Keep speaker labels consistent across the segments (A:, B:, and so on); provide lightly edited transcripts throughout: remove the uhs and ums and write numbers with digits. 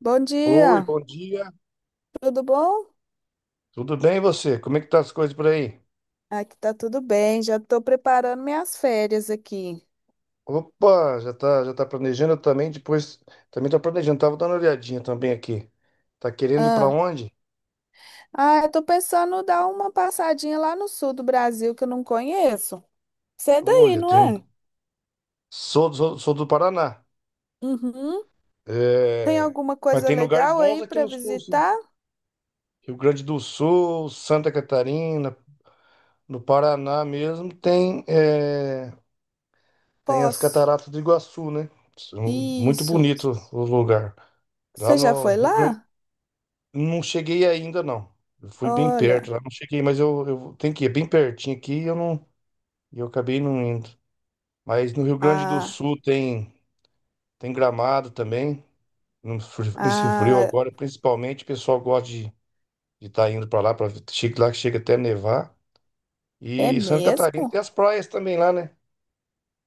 A: Bom
B: Oi,
A: dia,
B: bom dia.
A: tudo bom?
B: Tudo bem e você? Como é que tá as coisas por aí?
A: Aqui tá tudo bem, já tô preparando minhas férias aqui.
B: Opa, já tá planejando também, depois também tô planejando, tava dando uma olhadinha também aqui. Tá querendo ir pra
A: Ah,
B: onde?
A: ah, eu tô pensando em dar uma passadinha lá no sul do Brasil que eu não conheço. Você é daí,
B: Olha,
A: não
B: tem
A: é?
B: sou, sou, sou do Paraná.
A: Uhum. Tem
B: É,
A: alguma
B: mas
A: coisa
B: tem lugares
A: legal
B: bons
A: aí
B: aqui
A: para
B: no sul, sim.
A: visitar?
B: Rio Grande do Sul, Santa Catarina, no Paraná mesmo tem as
A: Posso.
B: Cataratas do Iguaçu, né? São muito
A: Isso.
B: bonito o lugar. Lá
A: Você já
B: no
A: foi
B: Rio Grande
A: lá?
B: Não cheguei ainda, não. Eu fui bem perto
A: Olha,
B: lá, não cheguei, mas eu tenho que ir é bem pertinho aqui e eu não, e eu acabei não indo. Mas no Rio Grande do
A: ah,
B: Sul tem, tem Gramado também, no fri- nesse frio
A: ah,
B: agora, principalmente, o pessoal gosta de estar indo para lá, para chega lá que chega até nevar.
A: é
B: E Santa Catarina
A: mesmo?
B: tem as praias também lá, né?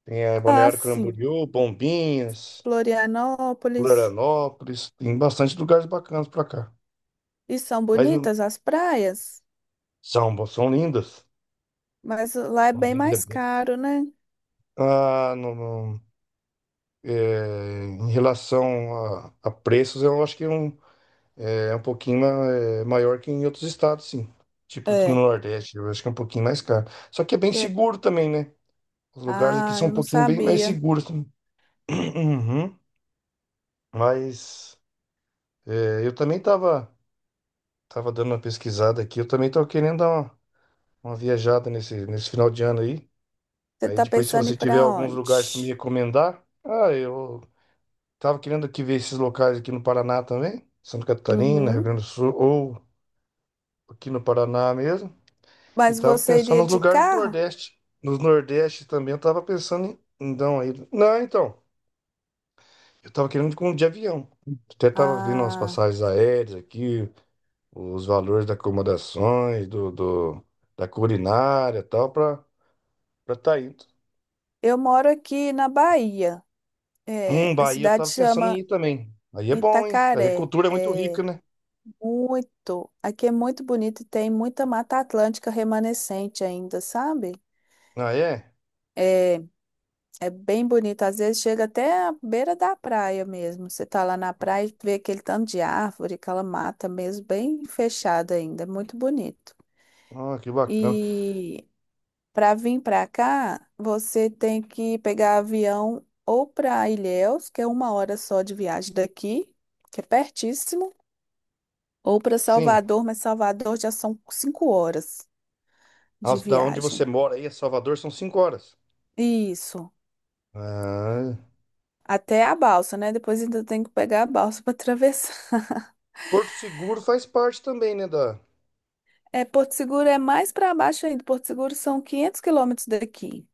B: Tem a
A: Ah,
B: Balneário
A: sim.
B: Camboriú, Bombinhas,
A: Florianópolis.
B: Florianópolis, tem bastante lugares bacanas para cá.
A: E são
B: Mas não-
A: bonitas as praias?
B: são lindas.
A: Mas lá é
B: São
A: bem
B: lindas,
A: mais caro, né?
B: ah, não, não. É, em relação a preços, eu acho que é um pouquinho maior que em outros estados, sim. Tipo que no
A: É.
B: Nordeste, eu acho que é um pouquinho mais caro. Só que é bem
A: Porque-
B: seguro também, né? Os lugares aqui
A: Ah,
B: são um
A: eu não
B: pouquinho bem mais
A: sabia.
B: seguros também. Uhum. Mas eu também tava, tava dando uma pesquisada aqui, eu também tava querendo dar uma viajada nesse final de ano aí.
A: Você
B: Aí
A: tá
B: depois, se
A: pensando em ir
B: você tiver
A: para
B: alguns lugares para me
A: onde?
B: recomendar, ah, eu tava querendo aqui ver esses locais aqui no Paraná também, Santa Catarina, Rio
A: Uhum.
B: Grande do Sul, ou aqui no Paraná mesmo. E
A: Mas
B: tava
A: você iria
B: pensando nos
A: de
B: lugares do
A: carro?
B: Nordeste. Nos Nordeste também eu tava pensando em. Então, aí. Não, então. Eu tava querendo com de avião. Até tava vendo as
A: Ah,
B: passagens aéreas aqui, os valores das acomodações, da culinária e tal, pra tá indo.
A: eu moro aqui na Bahia. É, a
B: Bahia eu
A: cidade
B: tava pensando em
A: chama
B: ir também. Aí é bom, hein? Aí a
A: Itacaré.
B: cultura é muito rica,
A: É
B: né?
A: muito. Aqui é muito bonito e tem muita Mata Atlântica remanescente ainda, sabe?
B: Ah, é?
A: É. É bem bonito. Às vezes chega até à beira da praia mesmo. Você tá lá na praia e vê aquele tanto de árvore, aquela mata mesmo, bem fechada ainda. É muito bonito.
B: Ah, que bacana.
A: E para vir para cá, você tem que pegar avião ou para Ilhéus, que é uma hora só de viagem daqui, que é pertíssimo, ou para
B: Sim.
A: Salvador, mas Salvador já são cinco horas de
B: Da onde
A: viagem.
B: você mora aí, a Salvador, são 5 horas.
A: Isso.
B: Ah.
A: Até a balsa, né? Depois ainda tem que pegar a balsa para atravessar.
B: Porto Seguro faz parte também, né, da.
A: É, Porto Seguro é mais para baixo ainda. Porto Seguro são 500 quilômetros daqui.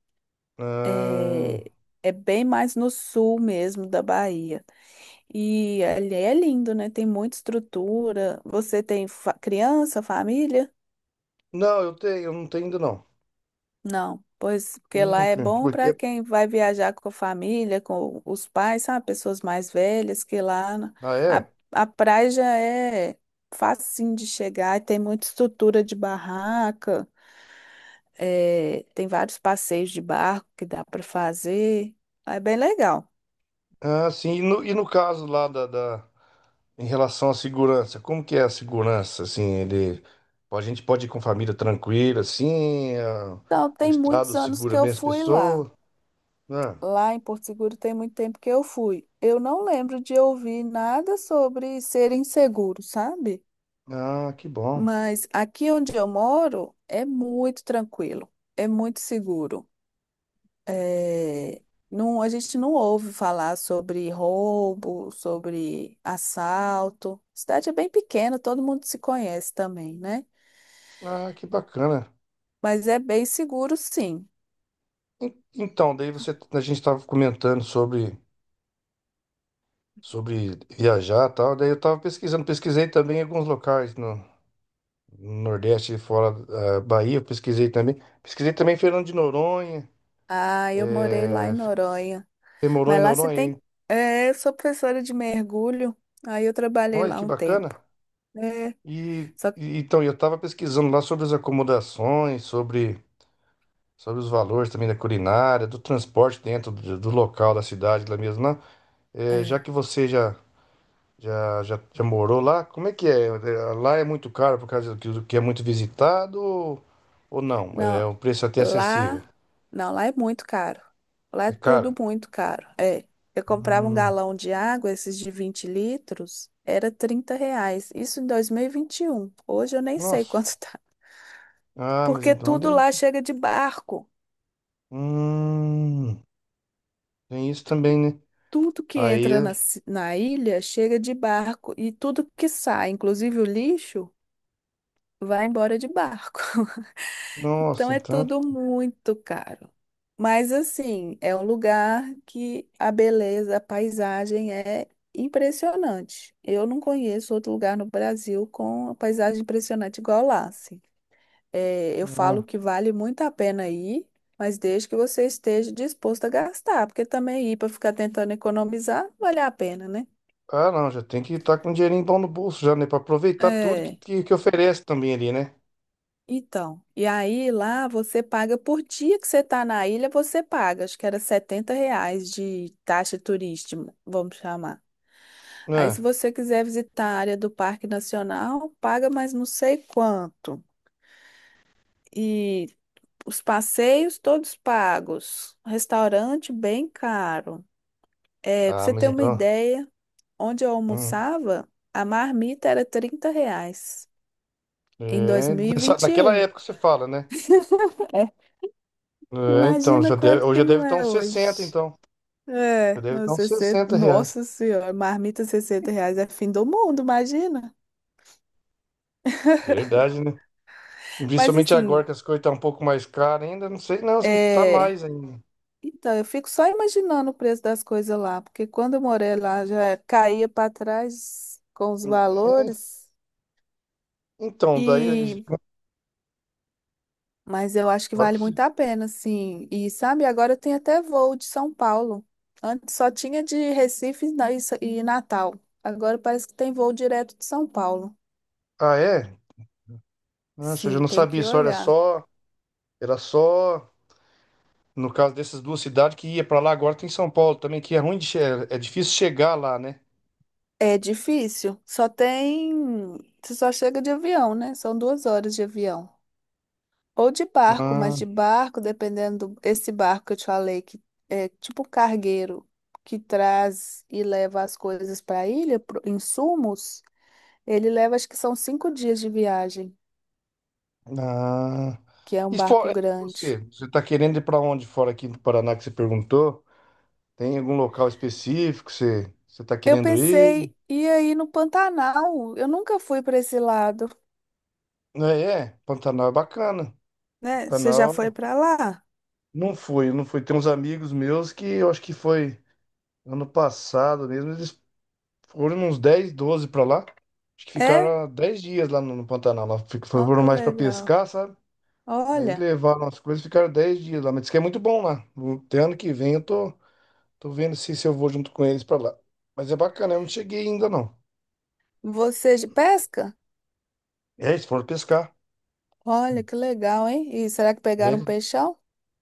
B: Ah,
A: É, é bem mais no sul mesmo da Bahia. E ali é lindo, né? Tem muita estrutura. Você tem fa- criança, família?
B: não, eu não tenho ainda não.
A: Não. Pois, porque lá é
B: Nunca,
A: bom para
B: porque.
A: quem vai viajar com a família, com os pais, sabe? Pessoas mais velhas, que lá na-
B: Ah,
A: a,
B: é?
A: a praia já é facinho de chegar e tem muita estrutura de barraca. É, tem vários passeios de barco que dá para fazer. É bem legal.
B: Ah, sim, e no caso lá em relação à segurança, como que é a segurança, assim, ele. A gente pode ir com família tranquila, assim, ah,
A: Então,
B: o
A: tem
B: Estado
A: muitos anos que
B: segura
A: eu
B: bem as
A: fui lá.
B: pessoas. Ah,
A: Lá em Porto Seguro tem muito tempo que eu fui. Eu não lembro de ouvir nada sobre ser inseguro, sabe?
B: ah, que bom.
A: Mas aqui onde eu moro é muito tranquilo, é muito seguro. É, não, a gente não ouve falar sobre roubo, sobre assalto. A cidade é bem pequena, todo mundo se conhece também, né?
B: Ah, que bacana.
A: Mas é bem seguro, sim.
B: Então, daí você, a gente estava comentando sobre sobre viajar e tal. Daí eu tava pesquisando, pesquisei também alguns locais no Nordeste, fora da Bahia, eu pesquisei também. Pesquisei também Fernando de Noronha,
A: Ah, eu morei lá em
B: é,
A: Noronha.
B: tem Moronha,
A: Mas lá você
B: Noronha,
A: tem.
B: hein?
A: É, eu sou professora de mergulho. Aí eu trabalhei
B: Olha
A: lá
B: que
A: um tempo.
B: bacana.
A: É,
B: E,
A: só que.
B: e- então eu tava pesquisando lá sobre as acomodações, sobre os valores também da culinária, do transporte dentro do local da cidade lá mesmo, lá. É, já
A: É,
B: que você já morou lá? Como é que é? Lá é muito caro por causa do que é muito visitado ou não? É
A: não,
B: um preço até
A: lá.
B: acessível.
A: Não, lá é muito caro. Lá é
B: É caro?
A: tudo muito caro. É. Eu comprava um
B: Hum,
A: galão de água, esses de 20 litros, era R$ 30. Isso em dois mil e vinte e um. Hoje eu nem sei
B: nossa.
A: quanto tá.
B: Ah, mas
A: Porque
B: então
A: tudo
B: deve.
A: lá chega de barco.
B: Hum, tem isso também, né?
A: Tudo que
B: Aí,
A: entra na ilha chega de barco e tudo que sai, inclusive o lixo, vai embora de barco.
B: nossa,
A: Então é
B: então.
A: tudo muito caro. Mas assim, é um lugar que a beleza, a paisagem é impressionante. Eu não conheço outro lugar no Brasil com a paisagem impressionante igual lá, assim. É, eu falo
B: Ah,
A: que vale muito a pena ir, mas desde que você esteja disposto a gastar, porque também ir para ficar tentando economizar, não vale a pena, né?
B: ah, não, já tem que estar com um dinheirinho bom no bolso já, né? Pra aproveitar tudo que,
A: É,
B: que, que oferece também ali, né?
A: então. E aí lá você paga por dia que você tá na ilha, você paga. Acho que era R$ 70 de taxa turística, vamos chamar. Aí se
B: Né?
A: você quiser visitar a área do Parque Nacional, paga mais não sei quanto. E os passeios todos pagos. Restaurante bem caro. É, pra
B: Ah,
A: você
B: mas
A: ter uma
B: então.
A: ideia, onde eu
B: Hum.
A: almoçava, a marmita era R$ 30 em dois
B: É,
A: mil e vinte e
B: naquela
A: um.
B: época você fala, né? É, então,
A: Imagina
B: já deve,
A: quanto
B: hoje
A: que
B: já
A: não
B: deve estar
A: é
B: uns 60
A: hoje.
B: então. Já
A: É,
B: deve
A: nos
B: estar uns
A: 60,
B: R$ 60.
A: nossa senhora, marmita R$ 60 é fim do mundo, imagina.
B: Verdade, né? E
A: Mas
B: principalmente
A: assim,
B: agora que as coisas estão um pouco mais caras ainda, não sei, não, se não tá
A: é,
B: mais ainda.
A: então, eu fico só imaginando o preço das coisas lá, porque quando eu morei lá já caía para trás com os valores,
B: Então, daí, a gente
A: e mas eu acho que vale
B: pode.
A: muito a pena, assim. E sabe, agora tem até voo de São Paulo. Antes só tinha de Recife e e Natal. Agora parece que tem voo direto de São Paulo.
B: Ah, é? Nossa, eu já
A: Sim,
B: não
A: tem
B: sabia
A: que
B: isso, olha
A: olhar.
B: só. Era só. No caso dessas duas cidades que ia pra lá, agora tem São Paulo também, que é ruim de. É difícil chegar lá, né?
A: É difícil. Só tem. Você só chega de avião, né? São 2 horas de avião. Ou de barco, mas
B: Ah,
A: de barco, dependendo do- esse barco que eu te falei, que é tipo um cargueiro que traz e leva as coisas para a ilha, pro- insumos, ele leva, acho que são 5 dias de viagem,
B: ah.
A: que é um
B: E
A: barco
B: fora, e
A: grande.
B: Você tá querendo ir pra onde fora aqui do Paraná que você perguntou? Tem algum local específico que você tá
A: Eu
B: querendo ir?
A: pensei, e aí no Pantanal? Eu nunca fui para esse lado,
B: É, é, Pantanal é bacana.
A: né? Você já foi
B: Pantanal
A: para lá?
B: não fui, não fui. Tem uns amigos meus que eu acho que foi ano passado mesmo, eles foram uns 10, 12 pra lá. Acho que ficaram
A: É?
B: 10 dias lá no Pantanal. Lá
A: Olha
B: foram
A: que
B: mais pra
A: legal.
B: pescar, sabe? Aí
A: Olha,
B: levaram as coisas, e ficaram 10 dias lá. Mas diz que é muito bom lá. Até ano que vem eu tô vendo se eu vou junto com eles pra lá. Mas é bacana, eu não cheguei ainda não.
A: você de pesca?
B: É, eles foram pescar.
A: Olha que legal, hein? E será que
B: É,
A: pegaram um peixão?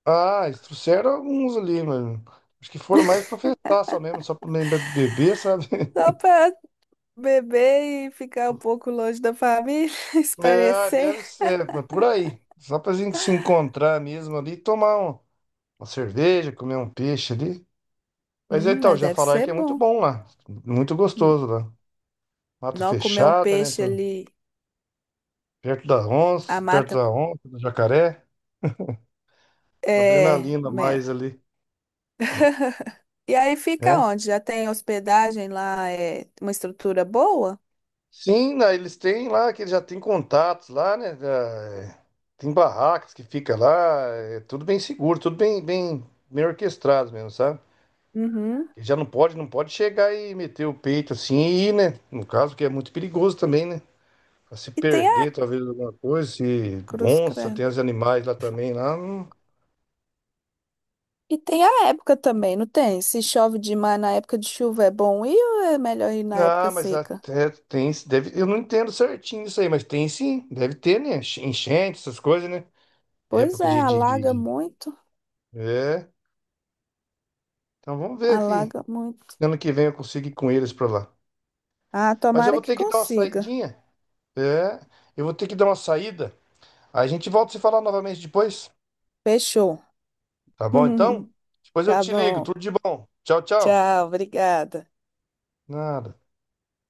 B: ah, eles trouxeram alguns ali, mano. Acho que foram mais pra festar só mesmo, só pra beber, sabe?
A: Só para beber e ficar um pouco longe da família,
B: É,
A: espairecer.
B: deve ser, mas por aí. Só pra gente se encontrar mesmo ali, tomar uma cerveja, comer um peixe ali. Mas então,
A: Mas
B: já
A: deve
B: falaram
A: ser
B: que é muito
A: bom.
B: bom lá. Muito gostoso lá. Mata
A: Não comer um
B: fechada, né?
A: peixe ali, a
B: Perto
A: mata.
B: da onça, do jacaré. Uma
A: É.
B: adrenalina a
A: Me-
B: mais ali,
A: E aí fica
B: né?
A: onde? Já tem hospedagem lá, é uma estrutura boa?
B: Sim, né, eles têm lá, que eles já têm contatos lá, né? Já, é, tem barracas que fica lá, é tudo bem seguro, tudo bem, bem, bem orquestrado mesmo, sabe?
A: Uhum.
B: E já não pode, não pode chegar e meter o peito assim e ir, né? No caso, que é muito perigoso também, né? Pra se
A: E tem
B: perder,
A: a
B: talvez, alguma coisa, se
A: Cruz
B: onça,
A: Credo.
B: tem os animais lá também, lá. Não-
A: E tem a época também, não tem? Se chove demais na época de chuva, é bom ir ou é melhor ir na época
B: Ah, mas
A: seca?
B: até tem, deve, eu não entendo certinho isso aí, mas tem sim, deve ter, né? Enchente, essas coisas, né?
A: Pois
B: Época
A: é,
B: de, de, de,
A: alaga
B: de...
A: muito,
B: É, então vamos ver aqui.
A: alaga muito.
B: Ano que vem eu consigo ir com eles pra lá.
A: Ah,
B: Mas eu
A: tomara
B: vou
A: que
B: ter que dar uma
A: consiga.
B: saidinha. É, eu vou ter que dar uma saída. Aí a gente volta a se falar novamente depois.
A: Fechou.
B: Tá bom, então? Depois eu
A: Tá
B: te ligo.
A: bom.
B: Tudo de bom. Tchau, tchau.
A: Tchau, obrigada.
B: Nada.